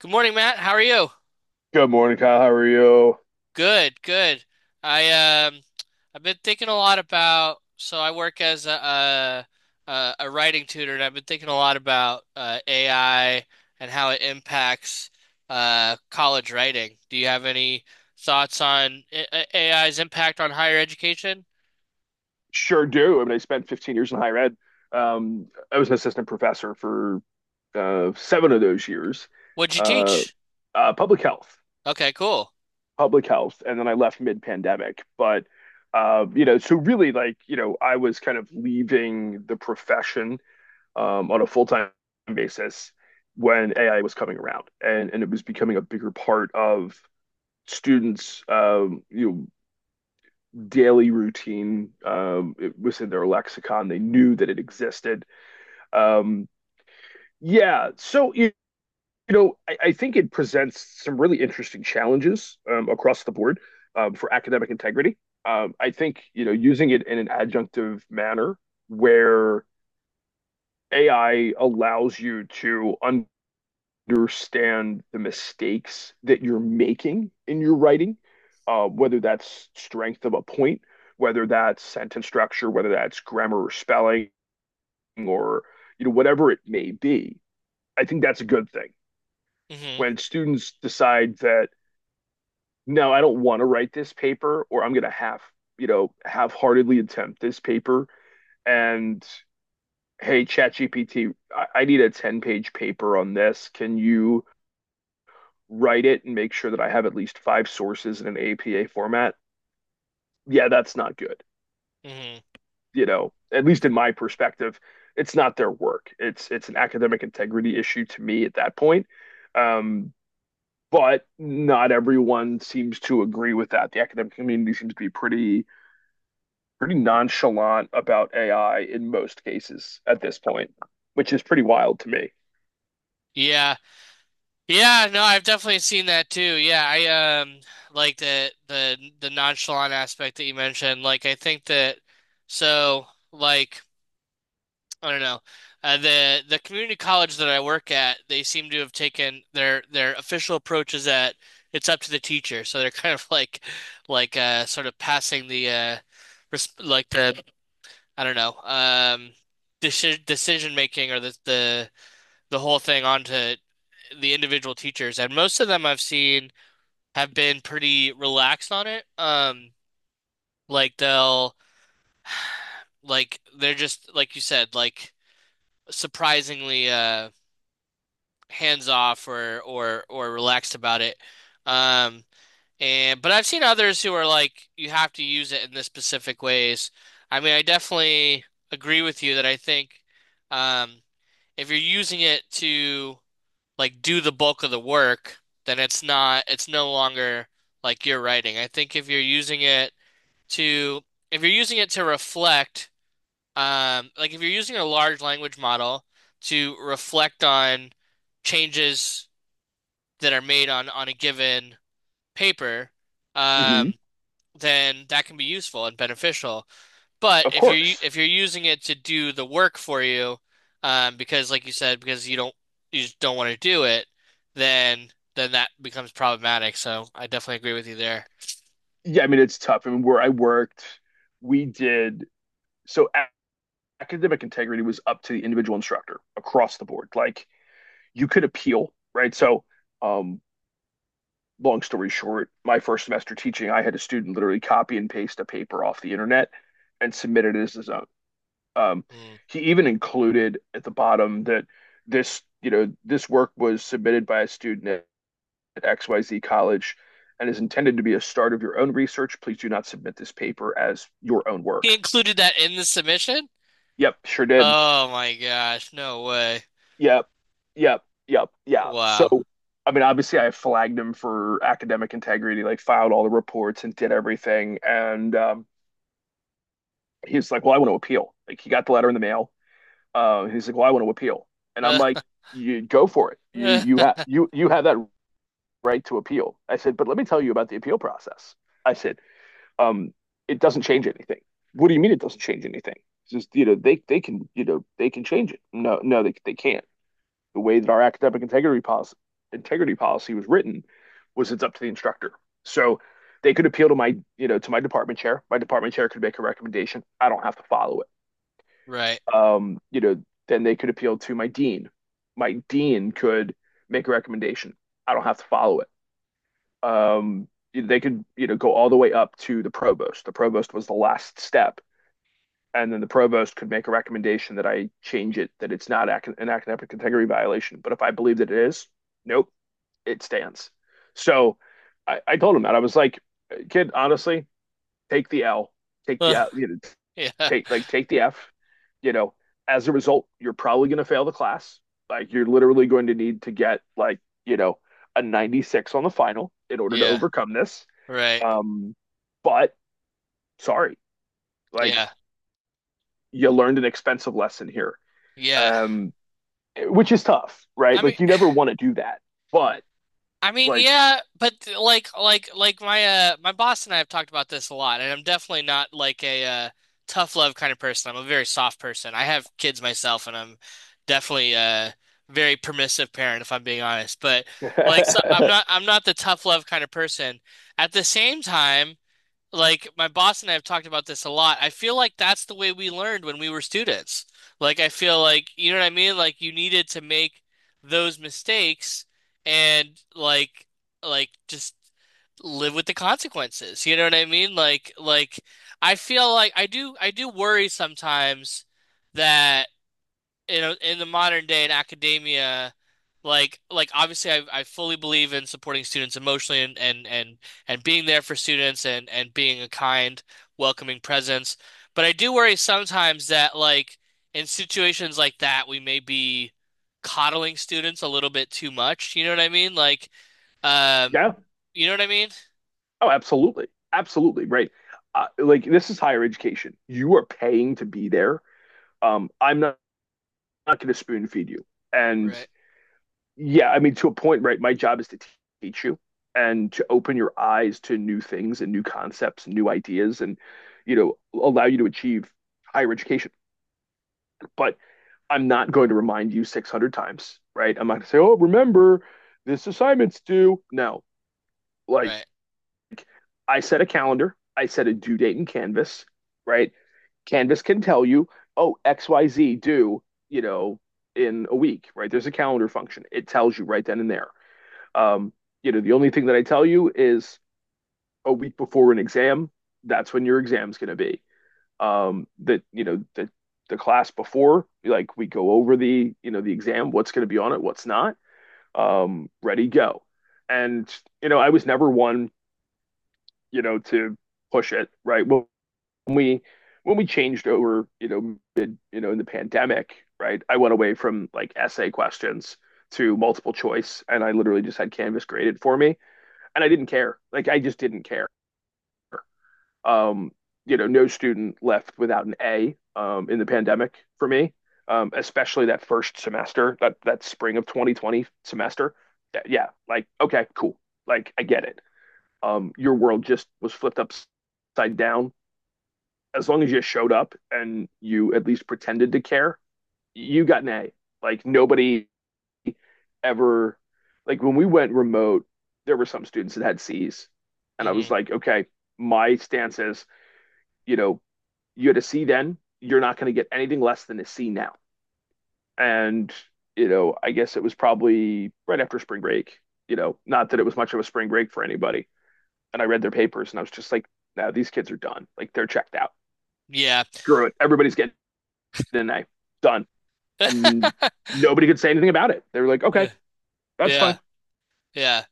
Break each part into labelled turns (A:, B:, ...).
A: Good morning, Matt. How are you?
B: Good morning, Kyle. How are you?
A: Good, good. I um I've been thinking a lot about I work as a writing tutor, and I've been thinking a lot about AI and how it impacts college writing. Do you have any thoughts on AI's impact on higher education?
B: Sure do. I mean, I spent 15 years in higher ed. I was an assistant professor for seven of those years,
A: What'd you
B: uh,
A: teach?
B: uh, public health,
A: Okay, cool.
B: public health, and then I left mid-pandemic. But so really, I was kind of leaving the profession on a full-time basis when AI was coming around, and it was becoming a bigger part of students, daily routine. It was in their lexicon. They knew that it existed. Um, yeah. So, you, I think it presents some really interesting challenges across the board for academic integrity. I think, you know, using it in an adjunctive manner where AI allows you to understand the mistakes that you're making in your writing, whether that's strength of a point, whether that's sentence structure, whether that's grammar or spelling, or you know whatever it may be. I think that's a good thing
A: Hmm.
B: when students decide that no, I don't want to write this paper, or I'm going to half-heartedly attempt this paper, and hey, ChatGPT, I need a 10-page paper on this. Can you write it and make sure that I have at least five sources in an APA format, yeah, that's not good.
A: Hmm.
B: You know, at least in my perspective, it's not their work. It's an academic integrity issue to me at that point. Um, but not everyone seems to agree with that. The academic community seems to be pretty nonchalant about AI in most cases at this point, which is pretty wild to me.
A: Yeah. Yeah, no, I've definitely seen that too. Yeah, I um like the nonchalant aspect that you mentioned. Like, I think that, so like I don't know. The community college that I work at, they seem to have taken their official approach is that it's up to the teacher. So they're kind of like, like sort of passing the res like the I don't know, decision making, or the the whole thing onto the individual teachers, and most of them I've seen have been pretty relaxed on it. Like they'll, they're just like you said, like surprisingly hands off, or or relaxed about it. Um, and but I've seen others who are like, you have to use it in this specific ways. I mean, I definitely agree with you that I think, um if you're using it to like do the bulk of the work, then it's not it's no longer like your writing. I think if you're using it to, if you're using it to reflect, like if you're using a large language model to reflect on changes that are made on a given paper,
B: Mm-hmm.
A: um, then that can be useful and beneficial. But
B: Of
A: if you're
B: course,
A: using it to do the work for you, because like you said, because you just don't want to do it, then, that becomes problematic. So I definitely agree with you there.
B: yeah. I mean, it's tough. I mean, where I worked, we did so academic integrity was up to the individual instructor across the board. Like you could appeal, right? So, um, long story short, my first semester teaching, I had a student literally copy and paste a paper off the internet and submit it as his own. Um,
A: Mm.
B: he even included at the bottom that this, you know, this work was submitted by a student at XYZ college and is intended to be a start of your own research. Please do not submit this paper as your own
A: He
B: work.
A: included that in the submission?
B: Yep, sure did.
A: Oh my gosh, no way.
B: Yep. Yep. Yeah. So,
A: Wow.
B: I mean, obviously, I flagged him for academic integrity, like filed all the reports and did everything. And he's like, "Well, I want to appeal." Like, he got the letter in the mail. He's like, "Well, I want to appeal," and I'm like, "You go for it. You have you have that right to appeal." I said, "But let me tell you about the appeal process." I said, um, "It doesn't change anything." What do you mean it doesn't change anything? It's just you know they can you know they can change it. No, no, they can't. The way that our academic integrity policy was written was it's up to the instructor. So they could appeal to my, you know, to my department chair. My department chair could make a recommendation. I don't have to follow
A: Right.
B: it. You know, then they could appeal to my dean. My dean could make a recommendation. I don't have to follow it. Um, they could, you know, go all the way up to the provost. The provost was the last step, and then the provost could make a recommendation that I change it, that it's not an academic integrity violation. But if I believe that it is, nope, it stands. So I told him that I was like, kid, honestly, take the L, take the L, you know,
A: Yeah.
B: take like take the F. You know, as a result, you're probably going to fail the class. Like you're literally going to need to get like you know a 96 on the final in order to
A: Yeah.
B: overcome this.
A: Right.
B: Um, but sorry, like
A: Yeah.
B: you learned an expensive lesson here,
A: Yeah.
B: um, which is tough, right?
A: I mean,
B: Like you never want to do that, but
A: I mean,
B: like
A: yeah, but like my my boss and I have talked about this a lot, and I'm definitely not like a tough love kind of person. I'm a very soft person. I have kids myself, and I'm definitely a very permissive parent, if I'm being honest. But like, so I'm
B: yeah.
A: not the tough love kind of person. At the same time, like, my boss and I have talked about this a lot. I feel like that's the way we learned when we were students. Like, I feel like, you know what I mean? Like, you needed to make those mistakes and just live with the consequences. You know what I mean? I feel like I do worry sometimes that, you know, in the modern day in academia, obviously I fully believe in supporting students emotionally, and, and and being there for students, and being a kind, welcoming presence. But I do worry sometimes that, like, in situations like that, we may be coddling students a little bit too much. You know what I mean? Like, um you know what I mean?
B: Oh, absolutely. Absolutely. Right. Like this is higher education. You are paying to be there. I'm not, not going to spoon feed you. And
A: Right,
B: yeah, I mean, to a point, right? My job is to teach you and to open your eyes to new things and new concepts and new ideas and, you know, allow you to achieve higher education. But I'm not going to remind you 600 times, right? I'm not going to say, oh, remember this assignment's due. No, like
A: right.
B: I set a calendar, I set a due date in Canvas, right? Canvas can tell you, oh, XYZ due, you know, in a week, right? There's a calendar function. It tells you right then and there. Um, you know, the only thing that I tell you is a week before an exam, that's when your exam's going to be. That, you know, The class before, like we go over the, you know, the exam, what's going to be on it, what's not, ready, go. And, you know, I was never one, you know, to push it, right? Well, when we when we changed over, you know, mid, you know, in the pandemic, right? I went away from like essay questions to multiple choice, and I literally just had Canvas graded for me, and I didn't care. Like I just didn't care. Um, you know, no student left without an A in the pandemic for me, especially that first semester, that spring of 2020 semester. Yeah, like okay, cool. Like I get it. Your world just was flipped upside down as long as you showed up and you at least pretended to care, you got an A. Like nobody ever, like when we went remote, there were some students that had C's, and I was
A: Hmm.
B: like, okay, my stance is, you know, you had a C then, you're not going to get anything less than a C now. And you know, I guess it was probably right after spring break. You know, not that it was much of a spring break for anybody. And I read their papers, and I was just like, now these kids are done. Like they're checked out.
A: Yeah.
B: Screw it. Everybody's getting the knife. Done. And nobody could say anything about it. They were like, okay, that's
A: Yeah.
B: fine.
A: Yeah.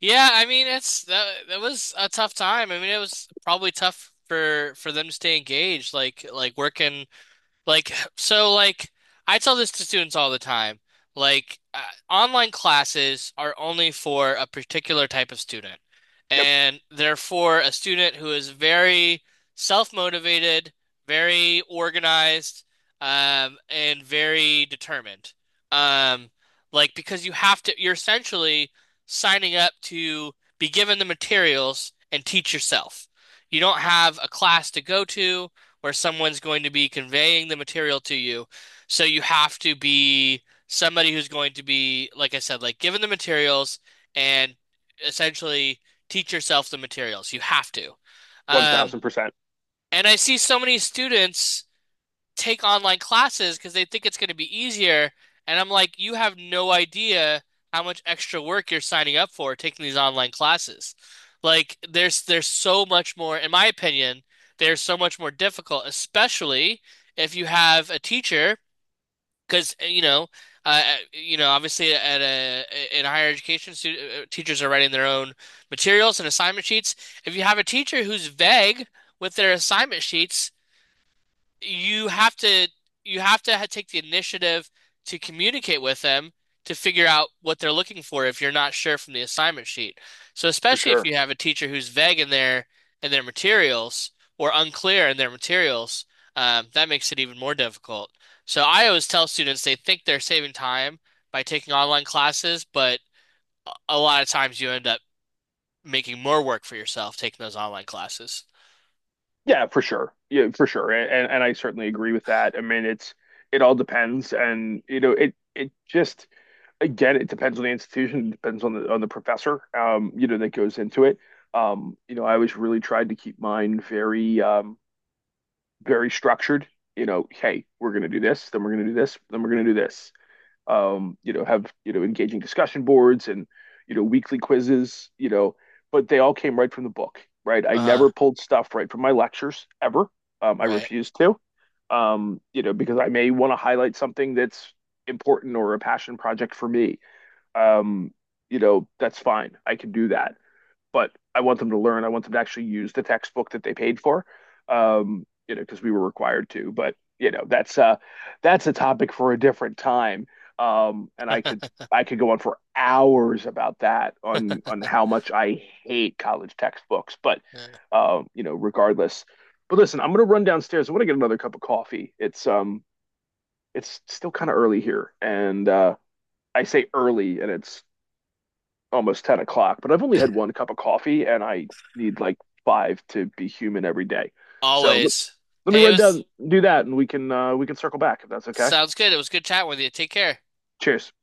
A: Yeah, I mean it's that was a tough time. I mean it was probably tough for them to stay engaged, like working. Like, so, like, I tell this to students all the time. Like, online classes are only for a particular type of student.
B: Yep,
A: And they're for a student who is very self-motivated, very organized, and very determined. Um, like, because you have to, you're essentially signing up to be given the materials and teach yourself. You don't have a class to go to where someone's going to be conveying the material to you. So you have to be somebody who's going to be, like I said, like given the materials, and essentially teach yourself the materials. You have to. Um,
B: 1000%
A: and I see so many students take online classes because they think it's going to be easier. And I'm like, you have no idea how much extra work you're signing up for taking these online classes. Like, there's so much more, in my opinion, they're so much more difficult, especially if you have a teacher, because, you know, you know, obviously at in higher education, stu teachers are writing their own materials and assignment sheets. If you have a teacher who's vague with their assignment sheets, you have to, take the initiative to communicate with them to figure out what they're looking for if you're not sure from the assignment sheet. So,
B: for
A: especially if
B: sure.
A: you have a teacher who's vague in their, materials or unclear in their materials, that makes it even more difficult. So I always tell students they think they're saving time by taking online classes, but a lot of times you end up making more work for yourself taking those online classes.
B: Yeah, for sure. Yeah, for sure. And I certainly agree with that. I mean, it's it all depends and you know, it just again, it depends on the institution, it depends on the professor, you know, that goes into it. You know, I always really tried to keep mine very very structured. You know, hey, we're gonna do this, then we're gonna do this, then we're gonna do this. You know, have, you know, engaging discussion boards and, you know, weekly quizzes, you know, but they all came right from the book, right? I
A: Uh,
B: never pulled stuff right from my lectures ever. I
A: right.
B: refused to, you know, because I may want to highlight something that's important or a passion project for me. Um, you know, that's fine. I can do that but I want them to learn. I want them to actually use the textbook that they paid for, you know, because we were required to. But you know, that's a topic for a different time. And I could go on for hours about that on how much I hate college textbooks. But
A: Yeah.
B: you know, regardless. But listen, I'm gonna run downstairs. I want to get another cup of coffee. It's still kind of early here, and I say early, and it's almost 10 o'clock, but I've only had one cup of coffee and I need like five to be human every day. So
A: Always.
B: let me
A: Hey, it
B: run
A: was,
B: down, do that, and we can circle back if that's okay.
A: sounds good. It was good chatting with you. Take care.
B: Cheers.